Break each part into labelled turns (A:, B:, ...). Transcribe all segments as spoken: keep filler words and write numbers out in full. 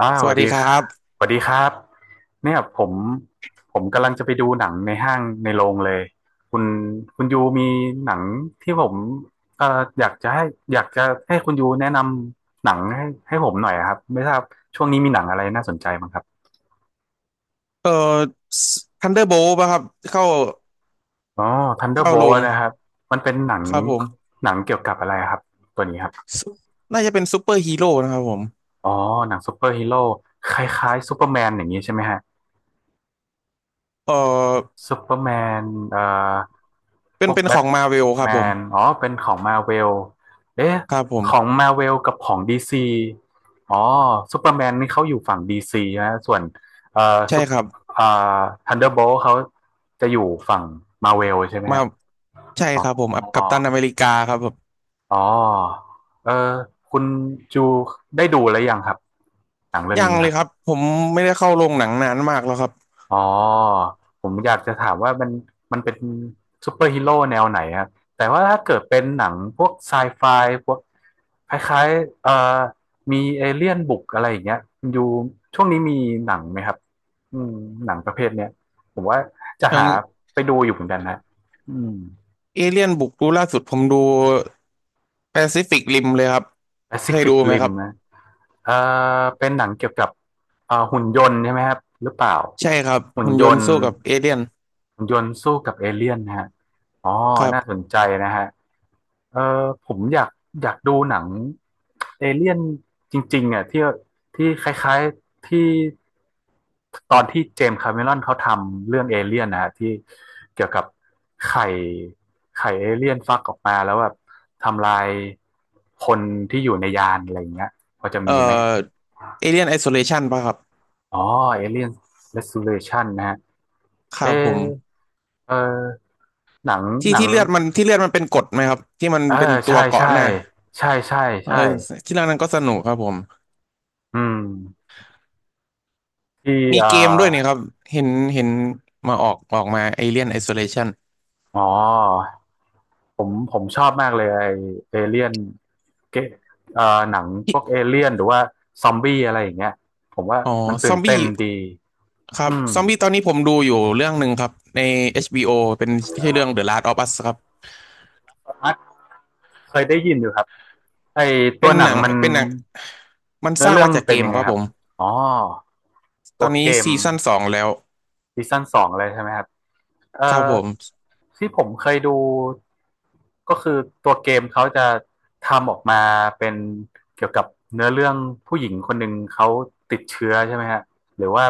A: อ่า
B: ส
A: ส
B: วั
A: วัส
B: สดี
A: ดี
B: ครั
A: ค่ะ
B: บ
A: สวัสดีครับเนี่ยผมผมกำลังจะไปดูหนังในห้างในโรงเลยคุณคุณยูมีหนังที่ผมเอ่ออยากจะให้อยากจะให้คุณยูแนะนำหนังให้ให้ผมหน่อยครับไม่ทราบช่วงนี้มีหนังอะไรน่าสนใจบ้างครับ
B: เอ่อทันเดอร์โบลป่ะครับเข้า
A: อ๋อ
B: เข้าล
A: Thunderbolt
B: ง
A: นะครับมันเป็นหนัง
B: ครับผม
A: หนังเกี่ยวกับอะไรครับตัวนี้ครับ
B: ซุปน่าจะเป็นซูเปอร์ฮีโร่นะครับผม
A: อ๋อหนังซูเปอร์ฮีโร่คล้ายๆซูเปอร์แมนอย่างนี้ใช่ไหมฮะ
B: เอ่อ
A: ซูเปอร์แมนเอ่อพ
B: เป็น
A: วก
B: เป็น
A: แบ
B: ขอ
A: ท
B: งมาเวลครั
A: แม
B: บผม
A: นอ๋อเป็นของมาเวลเอ๊ะ
B: ครับผม
A: ของมาเวลกับของดีซีอ๋อซูเปอร์แมนนี่เขาอยู่ฝั่งดีซีนะส่วนเอ่อ
B: ใช่
A: ซุป
B: ครับ
A: เอ่อทันเดอร์โบลเขาจะอยู่ฝั่งมาเวลใช่ไหม
B: มา
A: ฮะ
B: ใช่
A: อ๋
B: ครับผ
A: อ
B: มอัพกัปตันอเมริกาครับผม
A: อ๋อเออคุณจูได้ดูแล้วยังครับหนังเรื่อง
B: ยัง
A: นี้
B: เล
A: ครั
B: ย
A: บ
B: ครับผมไม่ได้เข้าโรงหนังนานมากแล้วครับ
A: อ๋อผมอยากจะถามว่ามันมันเป็นซูเปอร์ฮีโร่แนวไหนครับแต่ว่าถ้าเกิดเป็นหนังพวกไซไฟพวกคล้ายๆเอ่อมีเอเลี่ยนบุกอะไรอย่างเงี้ยอยู่ช่วงนี้มีหนังไหมครับอืมหนังประเภทเนี้ยผมว่าจะ
B: อย่าง
A: หาไปดูอยู่เหมือนกันนะอืม
B: เอเลี่ยนบุกดูล่าสุดผมดูแปซิฟิกริมเลยครับเคยดู
A: Pacific
B: ไหมค
A: Rim
B: รับ
A: นะเอ่อเป็นหนังเกี่ยวกับเอ่อหุ่นยนต์ใช่ไหมครับหรือเปล่า
B: ใช่ครับ
A: หุ่น
B: หุ่น
A: ย
B: ยนต์
A: นต์
B: สู้กับเอเลี่ยน
A: หุ่นยนต์สู้กับเอเลี่ยนนะฮะ อ๋อ
B: ครั
A: น่าส
B: บ
A: นใจนะฮะเออผมอยากอยากดูหนังเอเลี่ยนจริงๆอ่ะที่ที่คล้ายๆที่ตอนที่เจมส์คาเมรอนเขาทำเรื่องเอเลี่ยนนะฮะที่เกี่ยวกับไข่ไข่เอเลี่ยนฟักออกมาแล้วแบบทำลายคนที่อยู่ในยานอะไรอย่างเงี้ยพอจะ
B: เอ่อ
A: มีไหม
B: เอเลี่ยนไอโซเลชันป่ะครับ
A: อ๋อเอเลี่ยนเรส a ูเลชันนะฮะ
B: ครั
A: เอะ
B: บผม
A: เออหนังห
B: ที่
A: นัง
B: ที่เลือดมันที่เลือดมันเป็นกรดไหมครับที่มัน
A: อ่า
B: เป็นตั
A: ใช่
B: วเกาะ
A: ใช่
B: หน้า
A: ใช่ใช่
B: เออ
A: ใช่
B: ที่เรื่องนั้นก็สนุกครับผม
A: อืมที่
B: มี
A: อ่า
B: เกมด้วยเนี่ยครับเห็นเห็นมาออกออกมาเอเลียนไอโซเลชัน
A: อ๋อผมผมชอบมากเลยไอเอเลี่ยนเกเอ่อหนังพวกเอเลี่ยนหรือว่าซอมบี้อะไรอย่างเงี้ยผมว่า
B: อ๋อ
A: มัน
B: ซ
A: ตื่
B: อ
A: น
B: มบี้
A: เต้นดี
B: ครั
A: อื
B: บ
A: ม
B: ซอมบี้ตอนนี้ผมดูอยู่เรื่องหนึ่งครับใน เอช บี โอ เป็นชื่อเรื่อง The Last of Us ครับ
A: อาร์ตเคยได้ยินอยู่ครับไอ
B: เป็
A: ตัว
B: น
A: หนั
B: หนั
A: ง
B: ง
A: มัน
B: เป็นหนังมันส
A: เนื้อ
B: ร้าง
A: เรื่อง
B: มา
A: มั
B: จา
A: น
B: กเก
A: เป็น
B: ม
A: ยังไง
B: ครับ
A: ค
B: ผ
A: รับ
B: ม
A: อ๋อ
B: ต
A: ตั
B: อ
A: ว
B: นนี้
A: เกม
B: ซีซั่นสองแล้ว
A: ซีซั่นสองเลยใช่ไหมครับเอ่
B: ครับ
A: อ
B: ผม
A: ที่ผมเคยดูก็คือตัวเกมเขาจะทำออกมาเป็นเกี่ยวกับเนื้อเรื่องผู้หญิงคนหนึ่งเขาติดเชื้อใช่ไหมฮะหรือว่า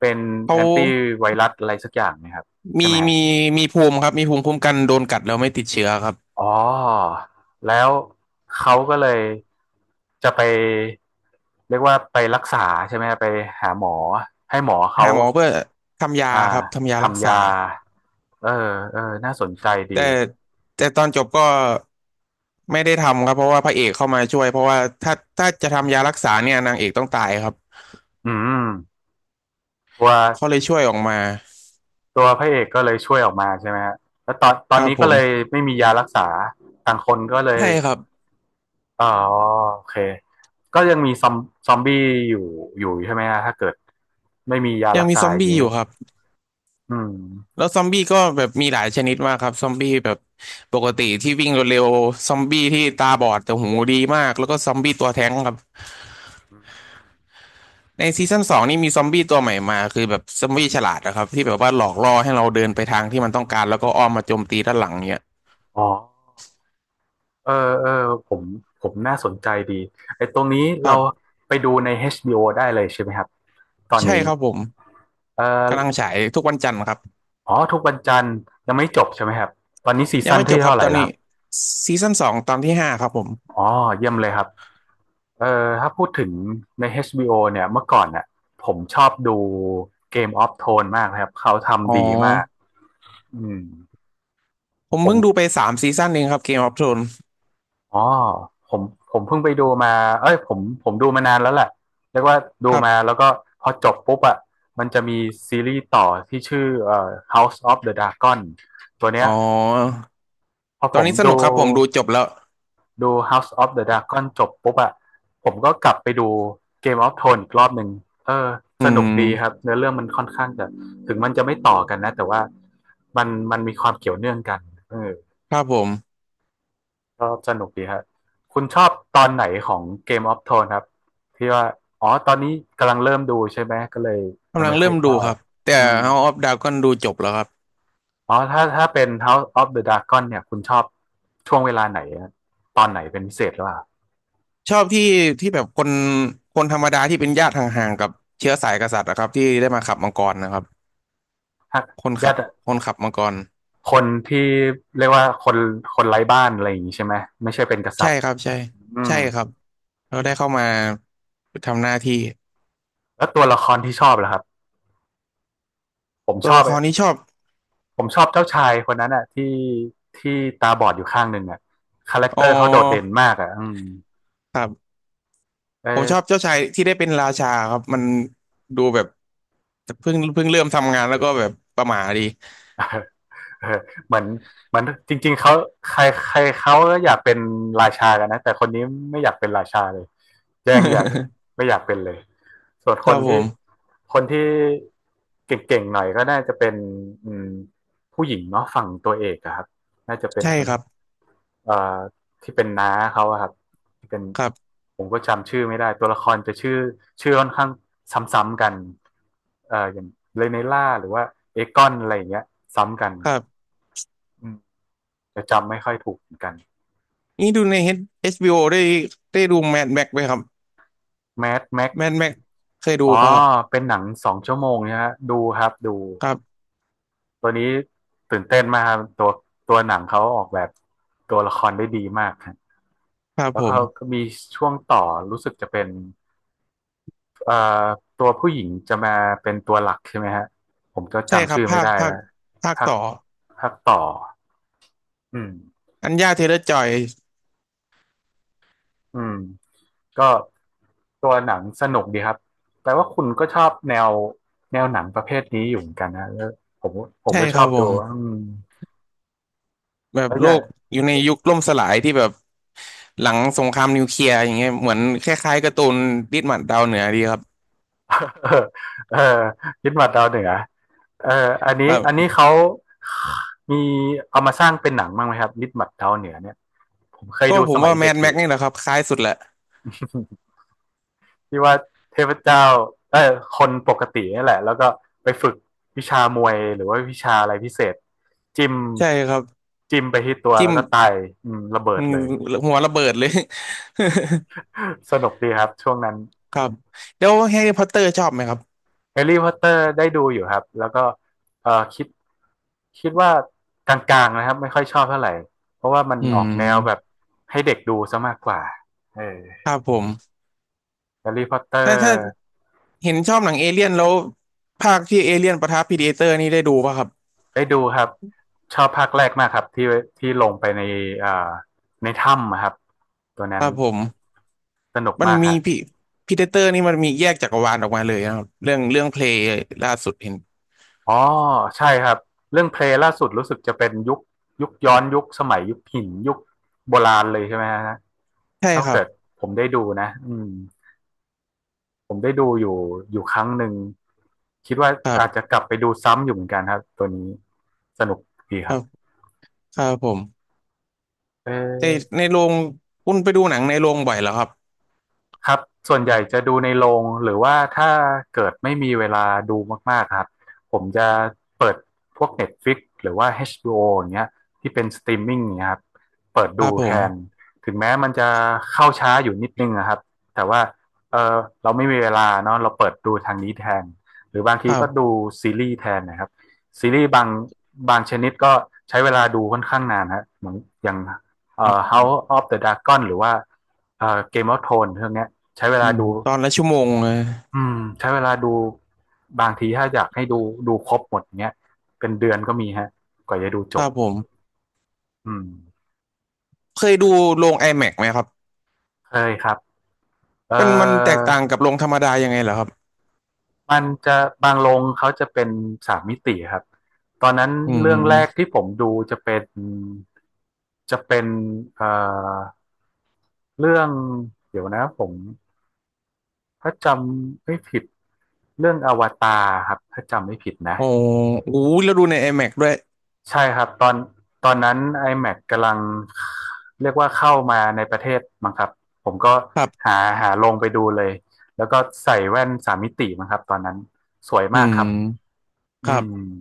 A: เป็น
B: เขา
A: แอนตี้ไวรัสอะไรสักอย่างนะครับ
B: มี
A: ใช่ไหมฮะ
B: มีมีภูมิครับมีภูมิคุ้มกันโดนกัดแล้วไม่ติดเชื้อครับ
A: อ๋อแล้วเขาก็เลยจะไปเรียกว่าไปรักษาใช่ไหมฮะไปหาหมอให้หมอเขา
B: หาหมอเพื่อทำยา
A: อ่า
B: ครับทำยารัก
A: ทำยา
B: ษา
A: เออเออน่าสนใจดี
B: แต่แต่ตอนจบก็ไม่ได้ทำครับเพราะว่าพระเอกเข้ามาช่วยเพราะว่าถ้าถ้าจะทำยารักษาเนี่ยนางเอกต้องตายครับ
A: อืมตัว
B: เขาเลยช่วยออกมา
A: ตัวพระเอกก็เลยช่วยออกมาใช่ไหมฮะแล้วตอนตอ
B: ค
A: น
B: รับ
A: นี้
B: ผ
A: ก็
B: ม
A: เลยไม่มียารักษาต่างคนก็เลย
B: ใช่ครับ
A: อ๋อโอเคก็ยังมีซอมซอมบี้อยู่อยู่ใช่ไหมฮะถ้าเกิดไม่มียา
B: ยั
A: รั
B: ง
A: ก
B: มี
A: ษา
B: ซอม
A: อย่าง
B: บี้
A: เงี้
B: อ
A: ย
B: ยู่ครับ
A: อืม
B: แล้วซอมบี้ก็แบบมีหลายชนิดมากครับซอมบี้แบบปกติที่วิ่งเร็วๆซอมบี้ที่ตาบอดแต่หูดีมากแล้วก็ซอมบี้ตัวแท้งครับ ในซีซั่นสองนี่มีซอมบี้ตัวใหม่มาคือแบบซอมบี้ฉลาดนะครับที่แบบว่าหลอกล่อให้เราเดินไปทางที่มันต้องการแล้วก็อ้อมมาโจมตีด้านหลังเนี่ย
A: อ๋อเออเออผมผมน่าสนใจดีไอ้ตรงนี้
B: ค
A: เรา
B: รับ
A: ไปดูใน เอช บี โอ ได้เลยใช่ไหมครับตอน
B: ใช่
A: นี้
B: ครับผม
A: เ
B: กำลัง
A: ออ
B: ฉายทุกวันจันทร์ครับ
A: อ๋อทุกวันจันทร์ยังไม่จบใช่ไหมครับตอนนี้ซี
B: ยัง
A: ซั่น
B: ไม่จ
A: ที่
B: บครั
A: เท่า
B: บ
A: ไหร่
B: ตอน
A: แล้วค
B: นี้
A: รับ
B: ซีซั่นสองตอนที่ห้าครับผม
A: อ๋อเยี่ยมเลยครับเออถ้าพูดถึงใน เอช บี โอ เนี่ยเมื่อก่อนน่ะผมชอบดู Game of Thrones มากนะครับเขา
B: อ๋อ
A: ทำดีมากอืม
B: ผม
A: ผ
B: เพิ่งดูไป
A: ม
B: สามซีซั่นเองครับเกมออฟโทรน
A: อ๋อผมผมเพิ่งไปดูมาเอ้ยผมผมดูมานานแล้วแหละเรียกว่าดู
B: ครั
A: มาแล้
B: บ
A: วก็พอจบปุ๊บอ่ะมันจะมีซีรีส์ต่อที่ชื่อเอ่อ House of the Dragon ตัวเนี้
B: อ๋
A: ย
B: อ
A: พอ
B: ต
A: ผ
B: อน
A: ม
B: นี้ส
A: ดู
B: นุกครับผมดูจบแล้ว
A: ดู House of the Dragon จบปุ๊บอะผมก็กลับไปดู Game of Thrones อีกรอบหนึ่งเออ
B: อื
A: สนุก
B: ม
A: ดีครับเนื้อเรื่องมันค่อนข้างจะถึงมันจะไม่ต่อกันนะแต่ว่ามันมันมีความเกี่ยวเนื่องกันเออ
B: ครับผม
A: ก็สนุกดีครับคุณชอบตอนไหนของ Game of Thrones ครับที่ว่าอ๋อตอนนี้กำลังเริ่มดูใช่ไหมก็เลยยัง
B: กำลัง
A: ไม่ค่อ
B: เริ่
A: ย
B: ม
A: ท
B: ดู
A: รา
B: ค
A: บ
B: รับแต่
A: อืม
B: House of Dragon ดูจบแล้วครับ
A: อ๋อถ้าถ้าเป็น House of the Dragon เนี่ยคุณชอบช่วงเวลาไหนอะตอนไหนเป็นพิเศษหรือเปล่า
B: ชอบที่ที่แบบคนคนธรรมดาที่เป็นญาติห่างๆกับเชื้อสายกษัตริย์นะครับที่ได้มาขับมังกรนะครับ
A: ถ้า
B: คน
A: ญา
B: ขับ
A: ติ
B: คนขับมังกร
A: คนที่เรียกว่าคนคนไร้บ้านอะไรอย่างนี้ใช่ไหมไม่ใช่เป็นกษั
B: ใช่
A: ตริย์
B: ครับใช่
A: อื
B: ใช่
A: ม
B: ครับเราได้เข้ามาทำหน้าที่
A: แล้วตัวละครที่ชอบล่ะครับผม
B: ตั
A: ช
B: ว
A: อบ
B: ละครนี้ชอบ
A: ผมชอบเจ้าชายคนนั้นอ่ะที่ที่ตาบอดอยู่ข้างหนึ่งอ่ะคาแรคเต
B: อ๋อ
A: อร์เขาโดดเด่นมากอ่ะอืม
B: ครับ
A: เอ
B: ผมชอบ
A: อ
B: เจ้าชายที่ได้เป็นราชาครับมันดูแบบเพิ่งเพิ่งเริ่มทำงานแล้วก็แบบประหม่าดี
A: เออเหมือนเหมือนจริงๆเขาใครใครเขาก็อยากเป็นราชากันนะแต่คนนี้ไม่อยากเป็นราชาเลยยังอยาก ไม่อยากเป็นเลยส่วน
B: ค
A: ค
B: รั
A: น
B: บผ
A: ที่
B: ม
A: คนที่เก่งๆหน่อยก็น่าจะเป็นอืมผู้หญิงเนาะฝั่งตัวเอกอะครับน่าจะเป็น
B: ใช่
A: คน
B: ครั
A: ที่
B: บ
A: เอ่อที่เป็นน้าเขาอะครับที่เป็น
B: ครับ
A: ผมก็จำชื่อไม่ได้ตัวละครจะชื่อชื่อค่อนข้างซ้ำๆกันเอ่ออย่างเรเนล่าหรือว่าเอกอนอะไรอย่างเงี้ยซ้ำกัน
B: ครับ
A: อืม จะจำไม่ค่อยถูกเหมือนกัน
B: นี่ดูในเอชบีโอได้ได้ดูแมดแม็กไหมครับ
A: แมดแม็ก
B: แม่นแม่นเคยดู
A: อ๋อ
B: ป่ะครับ
A: เป็นหนังสองชั่วโมงนะฮะดูครับดู
B: ครับ
A: ตัวนี้ตื่นเต้นมากครับตัวตัวหนังเขาออกแบบตัวละครได้ดีมากครับ
B: ครับ
A: แล้
B: ผ
A: ว
B: ม
A: เขาก็มีช่วงต่อรู้สึกจะเป็นเอ่อตัวผู้หญิงจะมาเป็นตัวหลักใช่ไหมฮะผมก็
B: ใช่ค
A: จำ
B: รับ
A: ชื่อไม่
B: ภาค
A: ได้
B: ภา
A: แล้
B: ค
A: ว
B: ภาค
A: ภาค
B: ต่อ
A: ภาคต่ออืม
B: อัญญาเทเลอร์จอย
A: อืม ก็ตัวหนังสนุกดีครับแปลว่าคุณก็ชอบแนวแนวหนังประเภทนี้อยู่เหมือนกันนะแล้วผมผม
B: ใช่
A: ก็ช
B: ค
A: อ
B: รับ
A: บ
B: ผ
A: ดู
B: ม
A: อืม
B: แบบ
A: แล้วอ
B: โล
A: ย่า
B: กอยู่ในยุคล่มสลายที่แบบหลังสงครามนิวเคลียร์อย่างเงี้ยเหมือนคล้ายๆการ์ตูนดิสมันดาวเหนือดีครับ
A: เออยึดมาดาวเหนือเอออัน
B: ค
A: นี้
B: รั
A: อันนี้
B: บ
A: เขามีเอามาสร้างเป็นหนังบ้างไหมครับนิดหมัดดาวเหนือเนี่ยผมเคย
B: ก็
A: ดู
B: ผ
A: ส
B: ม
A: มั
B: ว่า
A: ย
B: แม
A: เด็ก
B: น
A: อ
B: แม็ก
A: ยู่
B: นี่แหละครับคล้ายสุดแหละ
A: ที่ว่าเทพเจ้าเออคนปกตินี่แหละแล้วก็ไปฝึกวิชามวยหรือว่าวิชาอะไรพิเศษจิ้ม
B: ใช่ครับ
A: จิ้มไปที่ตัว
B: จิ้
A: แล้
B: ม
A: วก็ตายอืมระเบิ
B: อื
A: ด
B: ม
A: เลย
B: หัวระเบิดเลย
A: สนุกดีครับช่วงนั้น
B: ครับแล้วแฮร์รี่พอตเตอร์ชอบไหมครับ
A: แฮร์รี่พอตเตอร์ได้ดูอยู่ครับแล้วก็เออคิดคิดว่ากลางๆนะครับไม่ค่อยชอบเท่าไหร่เพราะว่ามัน
B: อื
A: ออกแนวแบบ
B: ม
A: ให้เด็กดูซะมากกว่าเออ
B: ครับผม
A: แฮร์รี่พอตเตอ
B: ถ้า
A: ร์
B: ถ้า เห็นชอบหนังเอเลี่ยนแล้วภาคที่เอเลี่ยนปะทะพีดิเอเตอร์นี่ได้ดูป่ะครับ
A: ได้ดูครับชอบภาคแรกมากครับที่ที่ลงไปในอ่าในถ้ำอะครับตัว
B: ค
A: นั้น
B: รับผม
A: สนุก
B: มัน
A: มากค
B: มี
A: รับ
B: พีพีดิเตอร์นี่มันมีแยกจักรวาลออกมาเลยนะครับเรื่องเรื่องเพลย์ล่าสุดเห็น
A: อ๋อใช่ครับเรื่องเพลย์ล่าสุดรู้สึกจะเป็นยุคยุคย้อนยุคสมัยยุคหินยุคโบราณเลยใช่ไหมฮะ
B: ใช่
A: ถ้า
B: ครั
A: เกิ
B: บ
A: ดผมได้ดูนะอืมผมได้ดูอยู่อยู่ครั้งหนึ่งคิดว่า
B: ครั
A: อาจจะ
B: บ
A: กลับไปดูซ้ำอยู่เหมือนกันครับตัวนี้สนุกดีค
B: ค
A: รั
B: รั
A: บ
B: บครับผม
A: เ
B: ใน
A: ออ
B: ในโรงคุณไปดูหนังในโรงบ่อยเหรอครับ
A: ครับส่วนใหญ่จะดูในโรงหรือว่าถ้าเกิดไม่มีเวลาดูมากๆครับผมจะเปิดพวก Netflix หรือว่า เอช บี โอ อชบีโออย่างเงี้ยที่เป็นสตรีมมิ่งเนี่ยครับเปิด
B: ค
A: ดู
B: รับผ
A: แท
B: ม
A: นถึงแม้มันจะเข้าช้าอยู่นิดนึงนะครับแต่ว่าเออเราไม่มีเวลาเนาะเราเปิดดูทางนี้แทนหรือบาง
B: ค
A: ที
B: รั
A: ก็ดู
B: บ
A: ซีรีส์แทนนะครับซีรีส์บางบางชนิดก็ใช้เวลาดูค่อนข้างนานฮะเหมือนอย่างเอ่
B: อื
A: อ
B: ม
A: House of the Dragon หรือว่าเอ่อเกมออฟโนเรื่องเนี้ย ใช้เว
B: อื
A: ลา
B: ม
A: ดู
B: ตอนละชั่วโมงเลย
A: อืมใช้เวลาดูบางทีถ้าอยากให้ดูดูครบหมดเงี้ยเป็นเดือนก็มีฮะกว่าจะดูจ
B: ค
A: บ
B: รับผม
A: อืม
B: เคยดูโรง IMAX ไหมครับ
A: เคยครับเออ
B: มันมันแตกต่างกับโรงธรรมดายังไงเหรอครับ
A: มันจะบางโรงเขาจะเป็นสามมิติครับตอนนั้น
B: อื
A: เรื่องแรก
B: ม
A: ที่ผมดูจะเป็นจะเป็นเอ่อเรื่องเดี๋ยวนะผมถ้าจำไม่ผิดเรื่องอวตารครับถ้าจำไม่ผิดนะ
B: โอ้โหแล้วดูใน IMAX ด้วย
A: ใช่ครับตอนตอนนั้น iMac กำลังเรียกว่าเข้ามาในประเทศมั้งครับผมก็
B: ครับ
A: หาหาลงไปดูเลยแล้วก็ใส่แว่นสามมิติมั้งครับตอนนั้นสวย
B: อื
A: มากครับ
B: มค
A: อื
B: รับ
A: ม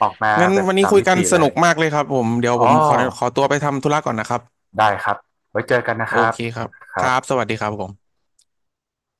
A: ออกมา
B: งั้น
A: แบบ
B: วันนี้
A: สาม
B: คุย
A: มิ
B: กัน
A: ติ
B: ส
A: เล
B: นุ
A: ย
B: กมากเลยครับผมเดี๋ยว
A: อ๋อ
B: ผมขอขอตัวไปทำธุระก่อนนะครับ
A: ได้ครับไว้เจอกันนะ
B: โอ
A: ครับ
B: เคครับ
A: ค
B: ค
A: รั
B: รับ
A: บ
B: สวัสดีครับผม